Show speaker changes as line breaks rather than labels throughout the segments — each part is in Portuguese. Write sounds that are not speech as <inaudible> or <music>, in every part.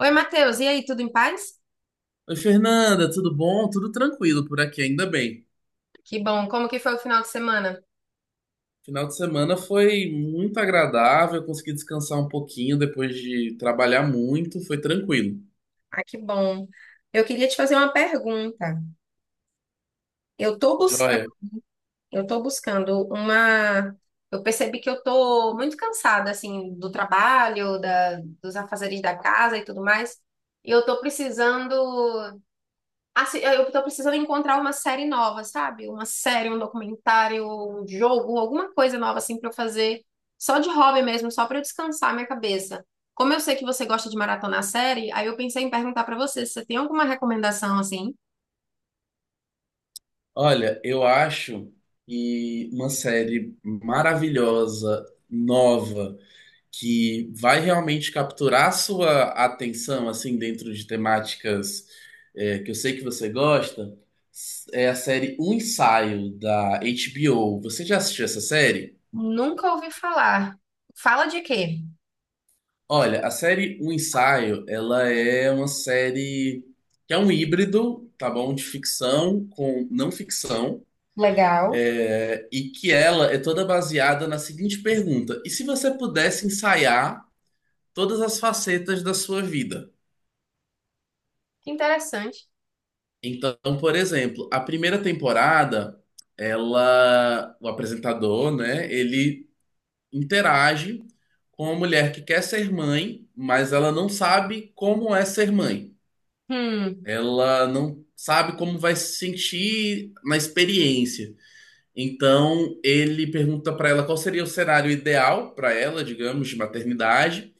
Oi, Matheus, e aí, tudo em paz?
Oi, Fernanda, tudo bom? Tudo tranquilo por aqui, ainda bem.
Que bom, como que foi o final de semana?
Final de semana foi muito agradável, consegui descansar um pouquinho depois de trabalhar muito, foi tranquilo.
Ah, que bom. Eu queria te fazer uma pergunta. Eu tô buscando,
Joia.
eu tô buscando uma. Eu percebi que eu tô muito cansada, assim, do trabalho, dos afazeres da casa e tudo mais, e eu tô precisando. Assim, eu tô precisando encontrar uma série nova, sabe? Uma série, um documentário, um jogo, alguma coisa nova assim pra eu fazer, só de hobby mesmo, só pra eu descansar a minha cabeça. Como eu sei que você gosta de maratonar série, aí eu pensei em perguntar pra você se você tem alguma recomendação assim.
Olha, eu acho que uma série maravilhosa, nova, que vai realmente capturar a sua atenção, assim, dentro de temáticas, que eu sei que você gosta, é a série Um Ensaio, da HBO. Você já assistiu essa série?
Nunca ouvi falar. Fala de quê?
Olha, a série O Ensaio, ela é uma série que é um híbrido, tá bom? De ficção com não ficção,
Legal.
e que ela é toda baseada na seguinte pergunta: e se você pudesse ensaiar todas as facetas da sua vida?
Que interessante.
Então, por exemplo, a primeira temporada, ela, o apresentador, né, ele interage com uma mulher que quer ser mãe, mas ela não sabe como é ser mãe.
Hum.
Ela não sabe como vai se sentir na experiência. Então, ele pergunta para ela qual seria o cenário ideal para ela, digamos, de maternidade,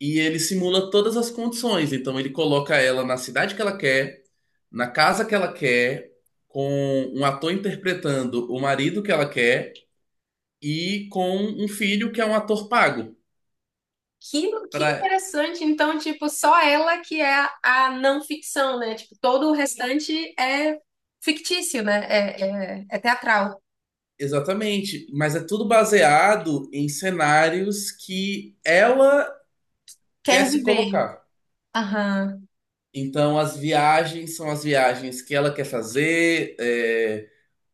e ele simula todas as condições. Então, ele coloca ela na cidade que ela quer, na casa que ela quer, com um ator interpretando o marido que ela quer e com um filho que é um ator pago.
Que
Pra...
interessante. Então, tipo, só ela que é a a não ficção, né? Tipo, todo o restante é fictício, né? É teatral.
Exatamente, mas é tudo baseado em cenários que ela quer
Quer
se
viver.
colocar.
Aham.
Então, as viagens são as viagens que ela quer fazer,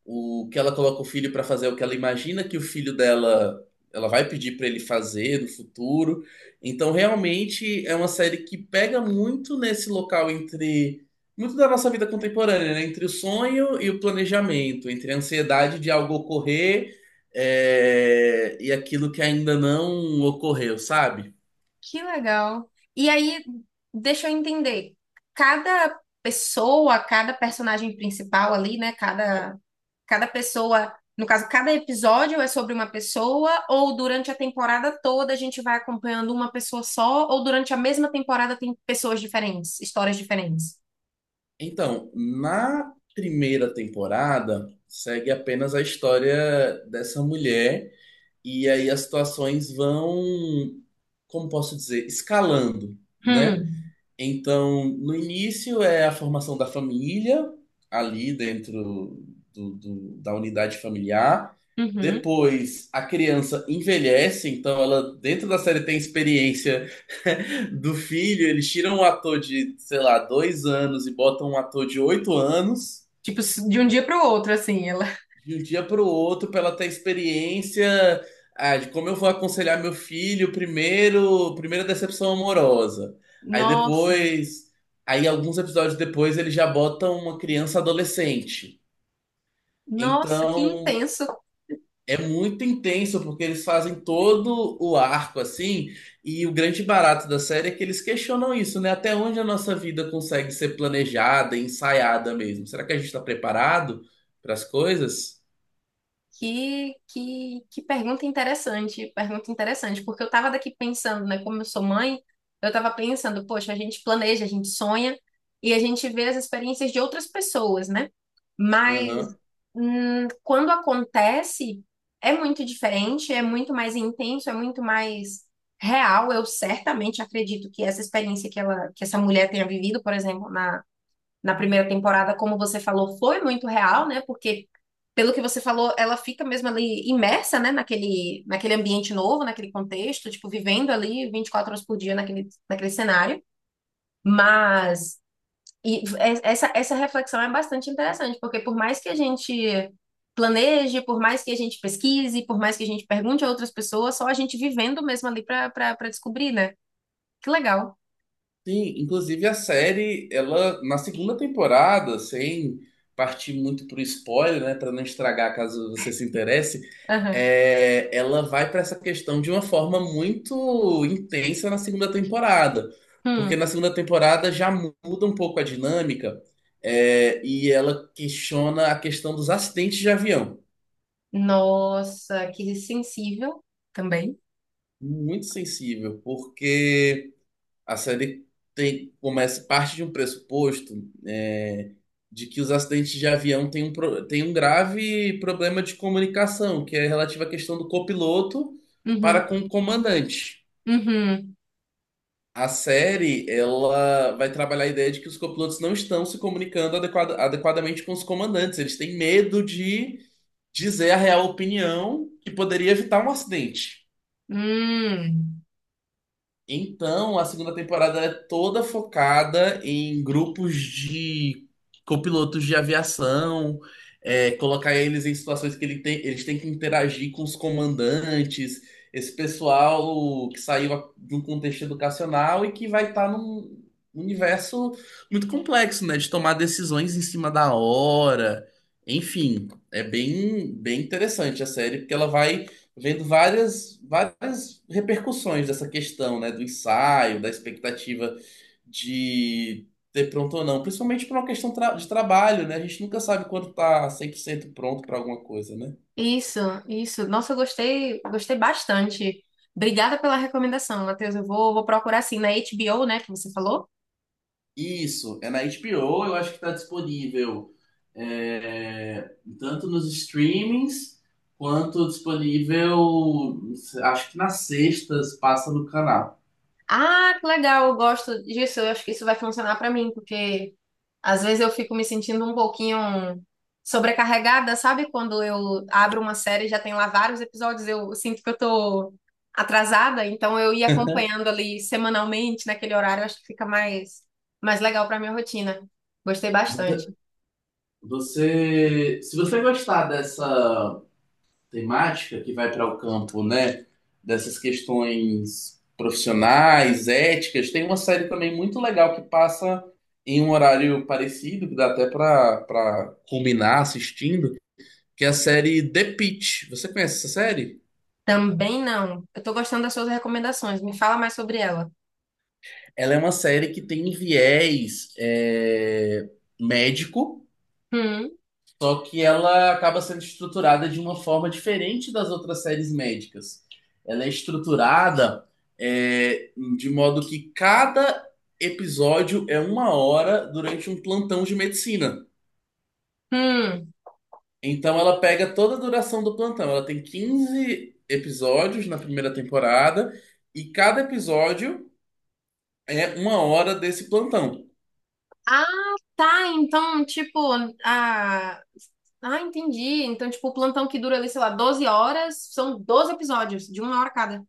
o que ela coloca o filho para fazer, é o que ela imagina que o filho dela ela vai pedir para ele fazer no futuro. Então, realmente é uma série que pega muito nesse local entre muito da nossa vida contemporânea, né? Entre o sonho e o planejamento, entre a ansiedade de algo ocorrer, e aquilo que ainda não ocorreu, sabe?
Que legal. E aí, deixa eu entender. Cada pessoa, cada personagem principal ali, né? Cada pessoa, no caso, cada episódio é sobre uma pessoa, ou durante a temporada toda a gente vai acompanhando uma pessoa só, ou durante a mesma temporada tem pessoas diferentes, histórias diferentes.
Então, na primeira temporada, segue apenas a história dessa mulher, e aí as situações vão, como posso dizer, escalando, né?
Hum,
Então, no início é a formação da família, ali dentro da unidade familiar.
uhum.
Depois a criança envelhece, então ela, dentro da série, tem experiência <laughs> do filho. Eles tiram um ator de, sei lá, dois anos e botam um ator de oito anos
Tipo, de um dia para o outro, assim, ela.
de um dia para o outro, para ela ter experiência de como eu vou aconselhar meu filho primeiro, primeira decepção amorosa. Aí
Nossa,
depois, aí alguns episódios depois eles já botam uma criança adolescente.
nossa, que
Então
intenso.
é muito intenso porque eles fazem todo o arco assim, e o grande barato da série é que eles questionam isso, né? Até onde a nossa vida consegue ser planejada, ensaiada mesmo? Será que a gente está preparado para as coisas?
Que pergunta interessante, porque eu tava daqui pensando, né? Como eu sou mãe, eu tava pensando, poxa, a gente planeja, a gente sonha e a gente vê as experiências de outras pessoas, né? Mas quando acontece, é muito diferente, é muito mais intenso, é muito mais real. Eu certamente acredito que essa experiência que ela, que essa mulher tenha vivido, por exemplo, na primeira temporada, como você falou, foi muito real, né? Porque, pelo que você falou, ela fica mesmo ali imersa, né? Naquele ambiente novo, naquele contexto, tipo, vivendo ali 24 horas por dia naquele cenário. Mas e é, essa reflexão é bastante interessante, porque por mais que a gente planeje, por mais que a gente pesquise, por mais que a gente pergunte a outras pessoas, só a gente vivendo mesmo ali para descobrir, né? Que legal.
Sim, inclusive a série, ela na segunda temporada, sem partir muito pro spoiler, né, para não estragar caso você se interesse,
Aham.
ela vai para essa questão de uma forma muito intensa na segunda temporada, porque
Hum.
na segunda temporada já muda um pouco a dinâmica, e ela questiona a questão dos acidentes de avião,
Nossa, que sensível também.
muito sensível, porque a série tem, começa, parte de um pressuposto, é, de que os acidentes de avião têm um, têm um grave problema de comunicação, que é relativo à questão do copiloto para
Uhum,
com o comandante.
uhum.
A série, ela vai trabalhar a ideia de que os copilotos não estão se comunicando adequadamente com os comandantes. Eles têm medo de dizer a real opinião que poderia evitar um acidente.
Hum,
Então, a segunda temporada é toda focada em grupos de copilotos de aviação, é, colocar eles em situações que eles têm que interagir com os comandantes, esse pessoal que saiu de um contexto educacional e que vai estar num universo muito complexo, né? De tomar decisões em cima da hora. Enfim, é bem, bem interessante a série, porque ela vai vendo várias, várias repercussões dessa questão, né, do ensaio, da expectativa de ter pronto ou não, principalmente por uma questão de trabalho, né? A gente nunca sabe quando tá 100% pronto para alguma coisa, né?
isso, isso. Nossa, eu gostei, gostei bastante. Obrigada pela recomendação, Matheus. Vou procurar assim na HBO, né, que você falou.
Isso, é na HBO, eu acho que tá disponível tanto nos streamings quanto disponível, acho que nas sextas passa no canal.
Ah, que legal, eu gosto disso. Eu acho que isso vai funcionar pra mim, porque às vezes eu fico me sentindo um pouquinho sobrecarregada, sabe? Quando eu abro uma série e já tem lá vários episódios, eu sinto que eu tô atrasada, então eu ia acompanhando ali semanalmente naquele horário, eu acho que fica mais legal pra minha rotina. Gostei bastante.
Você, Se você gostar dessa temática que vai para o campo, né, dessas questões profissionais, éticas. Tem uma série também muito legal que passa em um horário parecido, que dá até para combinar assistindo, que é a série The Pitt. Você conhece essa série?
Também não. Eu tô gostando das suas recomendações. Me fala mais sobre ela.
Ela é uma série que tem viés médico.
Hum,
Só que ela acaba sendo estruturada de uma forma diferente das outras séries médicas. Ela é estruturada é, de modo que cada episódio é uma hora durante um plantão de medicina.
hum.
Então ela pega toda a duração do plantão. Ela tem 15 episódios na primeira temporada e cada episódio é uma hora desse plantão.
Ah, tá. Então, tipo, ah, entendi. Então, tipo, o plantão que dura ali, sei lá, 12 horas, são 12 episódios, de uma hora cada.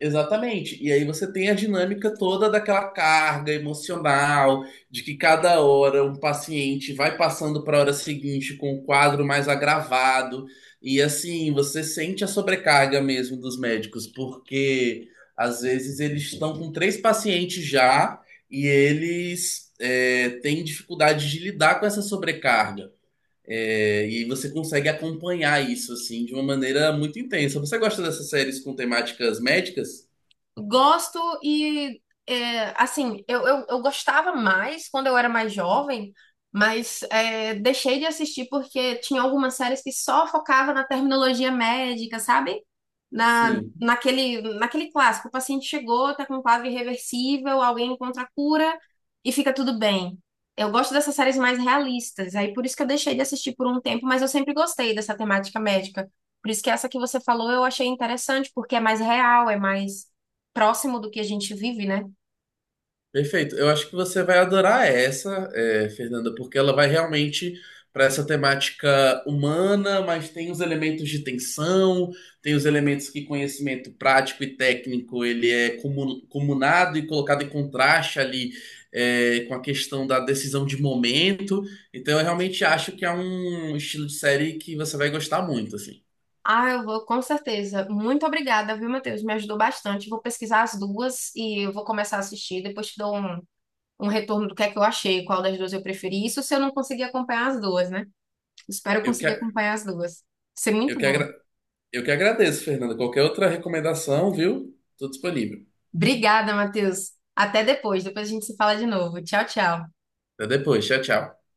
Exatamente. E aí você tem a dinâmica toda daquela carga emocional, de que cada hora um paciente vai passando para a hora seguinte com um quadro mais agravado. E assim, você sente a sobrecarga mesmo dos médicos, porque às vezes eles estão com três pacientes já e eles têm dificuldade de lidar com essa sobrecarga. É, e você consegue acompanhar isso assim de uma maneira muito intensa. Você gosta dessas séries com temáticas médicas?
Gosto e, é, assim, eu gostava mais quando eu era mais jovem, mas é, deixei de assistir porque tinha algumas séries que só focava na terminologia médica, sabe?
Sim,
Naquele, naquele clássico, o paciente chegou, tá com um quadro irreversível, alguém encontra a cura e fica tudo bem. Eu gosto dessas séries mais realistas, aí por isso que eu deixei de assistir por um tempo, mas eu sempre gostei dessa temática médica. Por isso que essa que você falou eu achei interessante, porque é mais real, é mais próximo do que a gente vive, né?
perfeito. Eu acho que você vai adorar essa, é, Fernanda, porque ela vai realmente para essa temática humana, mas tem os elementos de tensão, tem os elementos que conhecimento prático e técnico ele é comunado e colocado em contraste ali com a questão da decisão de momento. Então, eu realmente acho que é um estilo de série que você vai gostar muito, assim.
Ah, eu vou, com certeza. Muito obrigada, viu, Matheus? Me ajudou bastante. Vou pesquisar as duas e eu vou começar a assistir. Depois te dou um retorno do que é que eu achei, qual das duas eu preferi. Isso se eu não conseguir acompanhar as duas, né? Espero
Eu que,
conseguir acompanhar as duas. Vai ser
eu
muito
que,
bom.
agra- eu que agradeço, Fernanda. Qualquer outra recomendação, viu? Tô disponível.
Obrigada, Matheus. Até depois. Depois a gente se fala de novo. Tchau, tchau.
Até depois. Tchau, tchau.